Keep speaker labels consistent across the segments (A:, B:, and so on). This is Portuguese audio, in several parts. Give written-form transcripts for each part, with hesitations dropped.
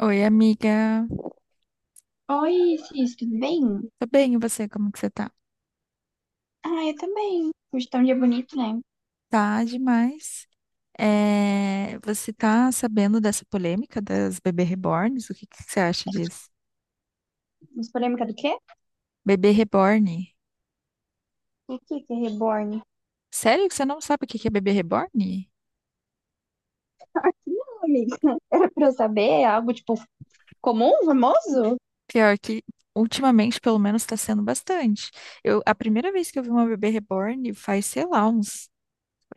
A: Oi, amiga.
B: Oi, Cis, tudo bem?
A: Tô bem, e você? Como que você tá?
B: Ah, eu também. Hoje tá um dia bonito, né?
A: Tá demais. É, você tá sabendo dessa polêmica das bebê reborns? O que que você acha disso?
B: Mas polêmica do quê?
A: Bebê reborn?
B: O que que é reborn?
A: Sério que você não sabe o que que é bebê reborn?
B: Não, amiga. Pra eu saber, é algo, tipo, comum, famoso?
A: Pior que, ultimamente, pelo menos, tá sendo bastante. Eu, a primeira vez que eu vi uma bebê reborn faz, sei lá, uns...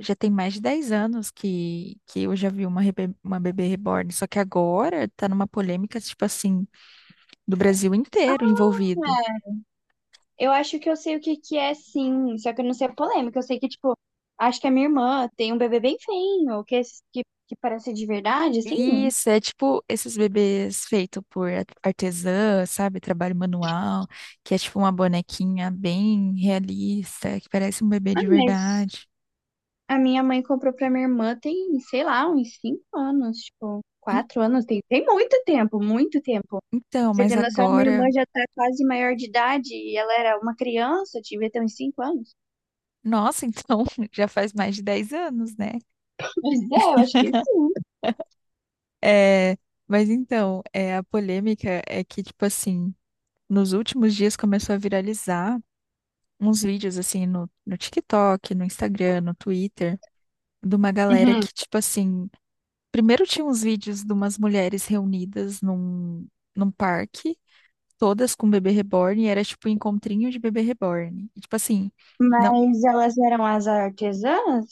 A: Já tem mais de 10 anos que eu já vi uma bebê reborn. Só que agora tá numa polêmica, tipo assim, do Brasil inteiro envolvido.
B: Eu acho que eu sei o que que é, sim, só que eu não sei a polêmica. Eu sei que, tipo, acho que a minha irmã tem um bebê bem feio, que, que parece de verdade, assim.
A: Isso, é tipo esses bebês feitos por artesã, sabe? Trabalho manual, que é tipo uma bonequinha bem realista, que parece um bebê
B: Ah,
A: de
B: mas
A: verdade.
B: a minha mãe comprou pra minha irmã tem, sei lá, uns cinco anos, tipo,
A: En-
B: quatro anos. Tem muito tempo, muito tempo.
A: Então,
B: Você
A: mas
B: tem noção, minha irmã
A: agora.
B: já tá quase maior de idade e ela era uma criança, devia ter uns cinco anos.
A: Nossa, então, já faz mais de 10 anos, né?
B: Pois é, eu acho que sim.
A: É, mas então, é, a polêmica é que, tipo assim, nos últimos dias começou a viralizar uns vídeos, assim, no TikTok, no Instagram, no Twitter, de uma galera
B: Uhum.
A: que, tipo assim. Primeiro tinha uns vídeos de umas mulheres reunidas num parque, todas com bebê reborn, e era tipo um encontrinho de bebê reborn. E, tipo assim, não.
B: Mas elas eram as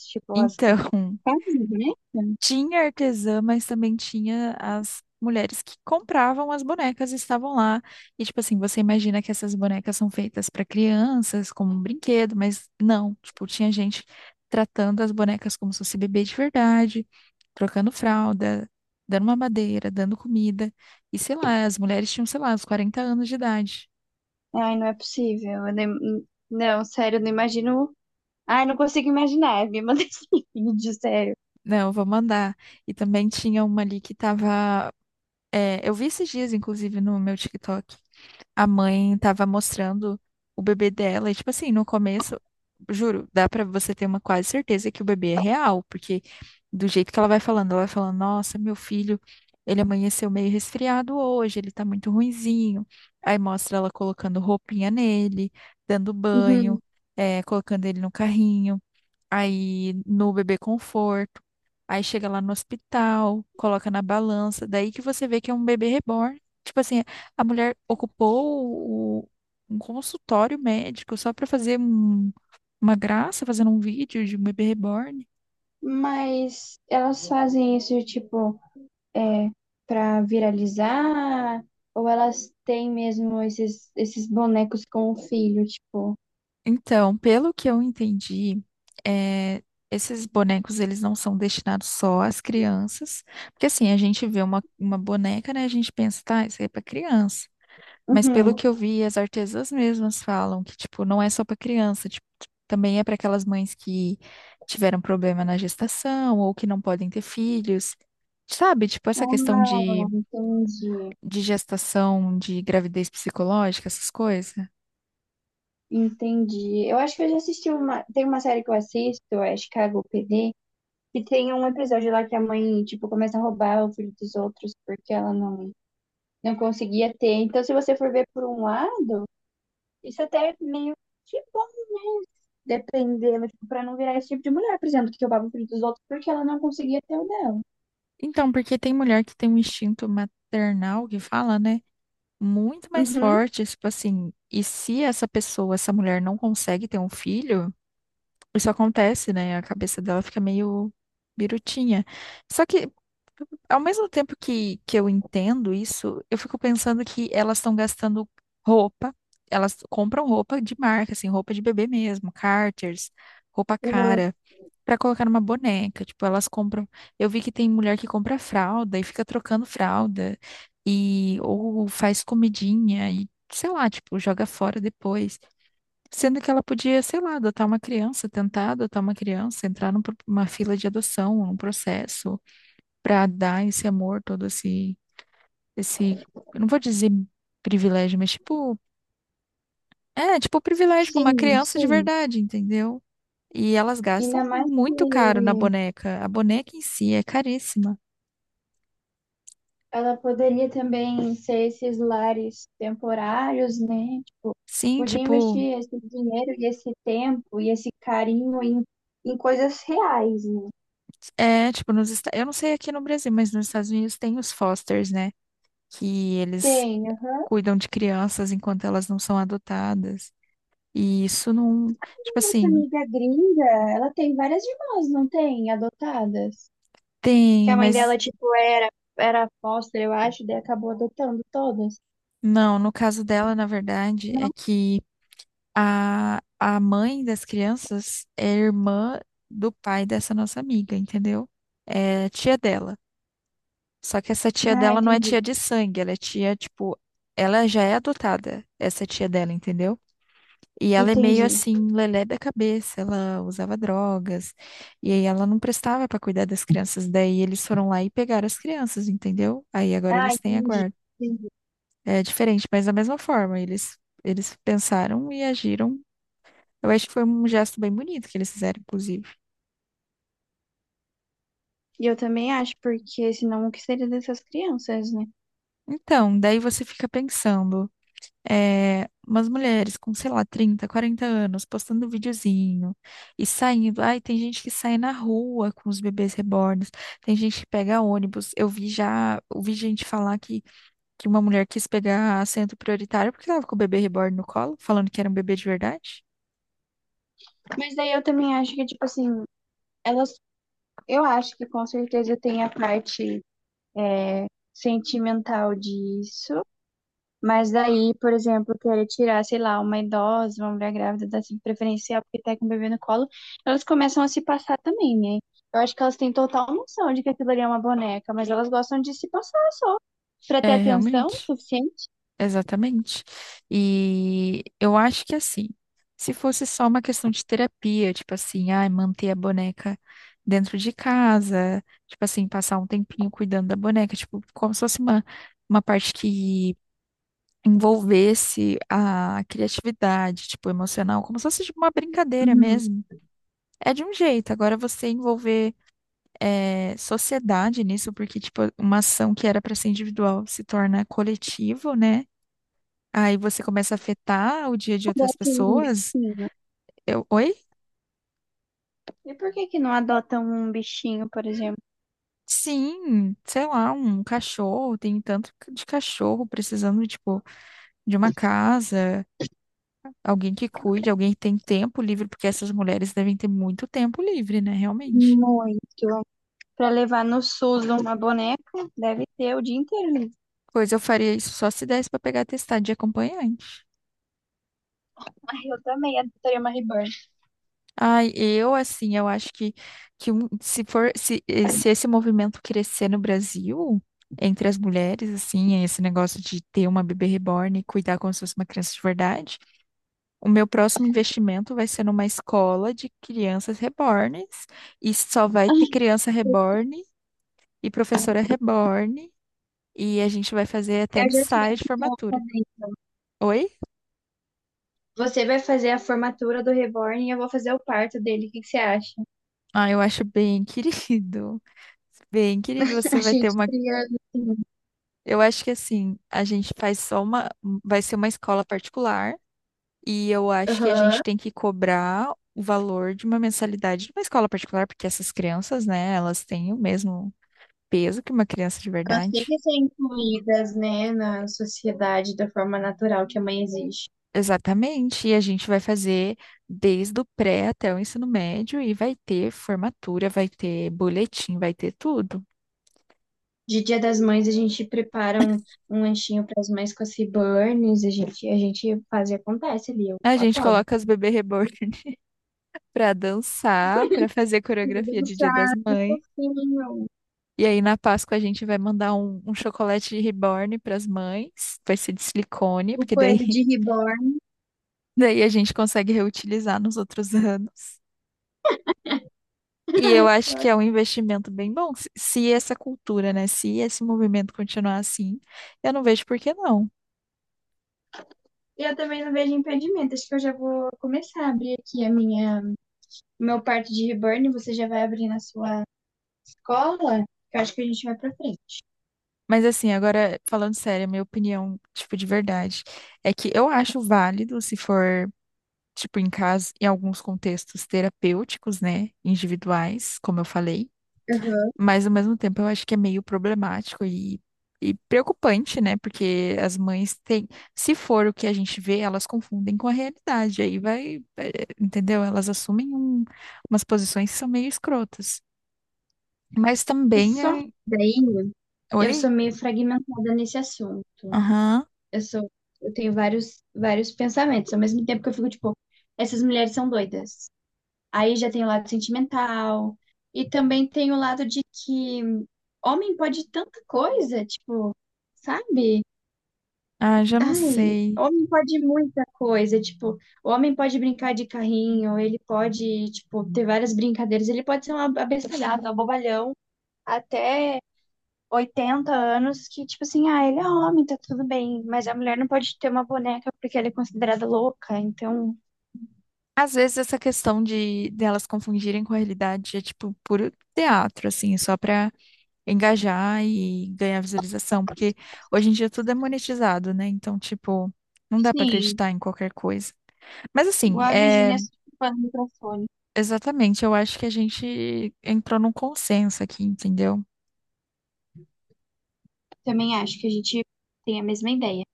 B: tipo, as que
A: Então,
B: fazem boneca?
A: tinha artesã, mas também tinha as mulheres que compravam as bonecas e estavam lá. E, tipo assim, você imagina que essas bonecas são feitas para crianças, como um brinquedo, mas não. Tipo, tinha gente tratando as bonecas como se fosse bebê de verdade, trocando fralda, dando mamadeira, dando comida. E sei lá, as mulheres tinham, sei lá, uns 40 anos de idade.
B: Ai, não é possível. Eu nem- Não, sério, eu não imagino. Ai, não consigo imaginar, me mandei vídeo, sério.
A: Não, vou mandar. E também tinha uma ali que tava. É, eu vi esses dias, inclusive, no meu TikTok. A mãe tava mostrando o bebê dela, e tipo assim, no começo, juro, dá pra você ter uma quase certeza que o bebê é real, porque do jeito que ela vai falando, nossa, meu filho, ele amanheceu meio resfriado hoje, ele tá muito ruinzinho. Aí mostra ela colocando roupinha nele, dando banho,
B: Uhum.
A: colocando ele no carrinho aí no bebê conforto, aí chega lá no hospital, coloca na balança, daí que você vê que é um bebê reborn. Tipo assim, a mulher ocupou um consultório médico só para fazer uma graça, fazendo um vídeo de um bebê reborn.
B: Mas elas fazem isso, tipo, é, pra viralizar? Ou elas têm mesmo esses, esses bonecos com o filho, tipo.
A: Então, pelo que eu entendi, é, esses bonecos eles não são destinados só às crianças, porque assim, a gente vê uma boneca, né? A gente pensa, tá, isso aí é para criança. Mas pelo
B: Uhum.
A: que eu vi, as artesãs mesmas falam que, tipo, não é só para criança, tipo, também é para aquelas mães que tiveram problema na gestação ou que não podem ter filhos. Sabe, tipo, essa questão
B: Ah,
A: de,
B: entendi.
A: de gestação, de gravidez psicológica, essas coisas.
B: Entendi. Eu acho que eu já assisti uma. Tem uma série que eu assisto, é Chicago PD, e tem um episódio lá que a mãe, tipo, começa a roubar o filho dos outros porque ela não, não conseguia ter. Então, se você for ver por um lado, isso até é meio que bom, dependendo, tipo, pra não virar esse tipo de mulher, por exemplo, que roubava o filho dos outros porque ela não conseguia ter o dela.
A: Então, porque tem mulher que tem um instinto maternal que fala, né? Muito mais
B: Uhum.
A: forte, tipo assim, e se essa pessoa, essa mulher não consegue ter um filho, isso acontece, né? A cabeça dela fica meio birutinha. Só que, ao mesmo tempo que eu entendo isso, eu fico pensando que elas estão gastando roupa, elas compram roupa de marca, assim, roupa de bebê mesmo, Carters, roupa
B: Uhum.
A: cara, pra colocar numa boneca. Tipo, elas compram. Eu vi que tem mulher que compra fralda e fica trocando fralda, e ou faz comidinha, e sei lá, tipo, joga fora depois. Sendo que ela podia, sei lá, adotar uma criança, tentar adotar uma criança, entrar numa fila de adoção, num processo, para dar esse amor, todo esse, eu não vou dizer privilégio, mas tipo, é, tipo privilégio para uma
B: Sim,
A: criança de
B: sim.
A: verdade, entendeu? E elas gastam
B: Ainda mais que
A: muito caro na boneca. A boneca em si é caríssima.
B: ela poderia também ser esses lares temporários, né? Tipo,
A: Sim,
B: podia
A: tipo,
B: investir esse dinheiro e esse tempo e esse carinho em, em coisas reais, né?
A: é, tipo, eu não sei aqui no Brasil, mas nos Estados Unidos tem os fosters, né? Que eles
B: Tem. Aham.
A: cuidam de crianças enquanto elas não são adotadas. E isso não, tipo
B: Nossa
A: assim,
B: amiga gringa, ela tem várias irmãs, não tem? Adotadas. Que
A: tem,
B: a mãe
A: mas
B: dela, tipo, era, era foster, eu acho, daí acabou adotando todas.
A: não, no caso dela, na verdade, é
B: Não?
A: que a mãe das crianças é irmã do pai dessa nossa amiga, entendeu? É tia dela. Só que essa tia
B: Ah,
A: dela não é
B: entendi.
A: tia de sangue, ela é tia, tipo, ela já é adotada, essa tia dela, entendeu? E ela é meio
B: Entendi.
A: assim, lelé da cabeça, ela usava drogas, e aí ela não prestava para cuidar das crianças, daí eles foram lá e pegaram as crianças, entendeu? Aí agora
B: Ah,
A: eles têm a
B: entendi.
A: guarda.
B: Entendi.
A: É diferente, mas da mesma forma, eles pensaram e agiram. Eu acho que foi um gesto bem bonito que eles fizeram, inclusive.
B: E eu também acho, porque senão o que seria dessas crianças, né?
A: Então, daí você fica pensando. É, umas mulheres com, sei lá, 30, 40 anos, postando videozinho e saindo. Ai, tem gente que sai na rua com os bebês reborns, tem gente que pega ônibus. Eu vi já, ouvi gente falar que uma mulher quis pegar assento prioritário porque estava com o bebê reborn no colo, falando que era um bebê de verdade.
B: Mas daí eu também acho que, tipo assim, elas, eu acho que com certeza tem a parte sentimental disso, mas daí, por exemplo, querer tirar, sei lá, uma idosa, uma mulher grávida da assim, preferencial porque tá com o bebê no colo, elas começam a se passar também, né? Eu acho que elas têm total noção de que aquilo ali é uma boneca, mas elas gostam de se passar só, pra ter
A: É,
B: atenção
A: realmente.
B: suficiente.
A: Exatamente. E eu acho que assim, se fosse só uma questão de terapia, tipo assim, ai, manter a boneca dentro de casa, tipo assim, passar um tempinho cuidando da boneca, tipo, como se fosse uma parte que envolvesse a criatividade, tipo, emocional, como se fosse tipo, uma brincadeira
B: Uhum.
A: mesmo. É de um jeito. Agora você envolver sociedade nisso, porque, tipo, uma ação que era para ser individual se torna coletivo, né? Aí você começa a afetar o dia de outras
B: Adotam um
A: pessoas.
B: bichinho.
A: Eu, oi?
B: E por que que não adotam um bichinho, por exemplo?
A: Sim, sei lá, um cachorro, tem tanto de cachorro precisando, tipo, de uma casa, alguém que cuide, alguém que tem tempo livre, porque essas mulheres devem ter muito tempo livre, né, realmente.
B: Muito. Para levar no SUS uma boneca, deve ter o dia inteiro ali.
A: Pois eu faria isso só se desse pra pegar atestado de acompanhante.
B: Ai, eu também adoraria uma Reborn.
A: Ai, eu assim, eu acho que um- se for se, eh, se esse movimento crescer no Brasil entre as mulheres, assim, esse negócio de ter uma bebê reborn e cuidar como se fosse uma criança de verdade, o meu próximo investimento vai ser numa escola de crianças rebornes e só vai ter criança reborn e professora reborn e a gente vai fazer até
B: Eu já sei
A: ensaio
B: o
A: de
B: que que eu vou
A: formatura.
B: fazer.
A: Oi?
B: Você vai fazer a formatura do Reborn e eu vou fazer o parto dele. O que que você acha?
A: Ah, eu acho bem querido. Bem, querido,
B: A
A: você vai ter
B: gente
A: uma...
B: cria. Assim,
A: Eu acho que assim, a gente faz só uma, vai ser uma escola particular e eu acho que a
B: aham.
A: gente tem que cobrar o valor de uma mensalidade de uma escola particular, porque essas crianças, né, elas têm o mesmo peso que uma criança de
B: Elas têm
A: verdade.
B: que ser incluídas, né, na sociedade da forma natural que a mãe existe.
A: Exatamente, e a gente vai fazer desde o pré até o ensino médio e vai ter formatura, vai ter boletim, vai ter tudo.
B: De Dia das Mães, a gente prepara um, um lanchinho para as mães com as Reborns. A gente faz e acontece ali. Eu
A: A gente
B: apoio.
A: coloca as bebê reborn para dançar, para fazer
B: Meu Deus
A: coreografia
B: do
A: de
B: céu,
A: Dia das
B: que
A: Mães.
B: fofinho.
A: E aí, na Páscoa, a gente vai mandar um chocolate reborn para as mães. Vai ser de silicone,
B: O
A: porque daí,
B: coelho de Reborn.
A: daí a gente consegue reutilizar nos outros anos. E eu acho
B: Olha,
A: que é um investimento bem bom. Se essa cultura, né? Se esse movimento continuar assim, eu não vejo por que não.
B: eu também não vejo impedimento. Acho que eu já vou começar a abrir aqui a minha, o meu parte de reborn. Você já vai abrir na sua escola. Eu acho que a gente vai pra frente.
A: Mas assim, agora, falando sério, a minha opinião, tipo, de verdade, é que eu acho válido se for. Tipo, em casa, em alguns contextos terapêuticos, né? Individuais, como eu falei.
B: Uhum.
A: Mas ao mesmo tempo eu acho que é meio problemático e preocupante, né? Porque as mães têm, se for o que a gente vê, elas confundem com a realidade. Aí vai, entendeu? Elas assumem umas posições que são meio escrotas. Mas também
B: Só que
A: é.
B: daí eu
A: Oi?
B: sou meio fragmentada nesse assunto.
A: Aham.
B: Eu sou, eu tenho vários, vários pensamentos. Ao mesmo tempo que eu fico tipo, essas mulheres são doidas. Aí já tem o lado sentimental e também tem o lado de que homem pode tanta coisa, tipo, sabe?
A: Ah, já não
B: Ai,
A: sei.
B: homem pode muita coisa, tipo, o homem pode brincar de carrinho, ele pode, tipo, ter várias brincadeiras, ele pode ser um abestalhado, um bobalhão, até 80 anos, que, tipo assim, ah, ele é homem, tá tudo bem, mas a mulher não pode ter uma boneca porque ela é considerada louca, então,
A: Às vezes essa questão de delas confundirem com a realidade é tipo puro teatro, assim, só pra engajar e ganhar visualização, porque hoje em dia tudo é monetizado, né? Então, tipo, não dá pra
B: sim,
A: acreditar em qualquer coisa. Mas assim,
B: igual a
A: é
B: Virginia falando no microfone.
A: exatamente, eu acho que a gente entrou num consenso aqui, entendeu?
B: Também acho que a gente tem a mesma ideia.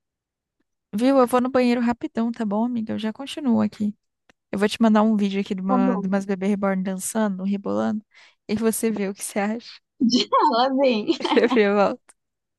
A: Viu? Eu vou no banheiro rapidão, tá bom, amiga? Eu já continuo aqui. Eu vou te mandar um vídeo aqui de,
B: Tá
A: uma,
B: bom.
A: de umas bebê reborn dançando, rebolando, e você vê o que você acha.
B: Fala vem
A: Eu volto.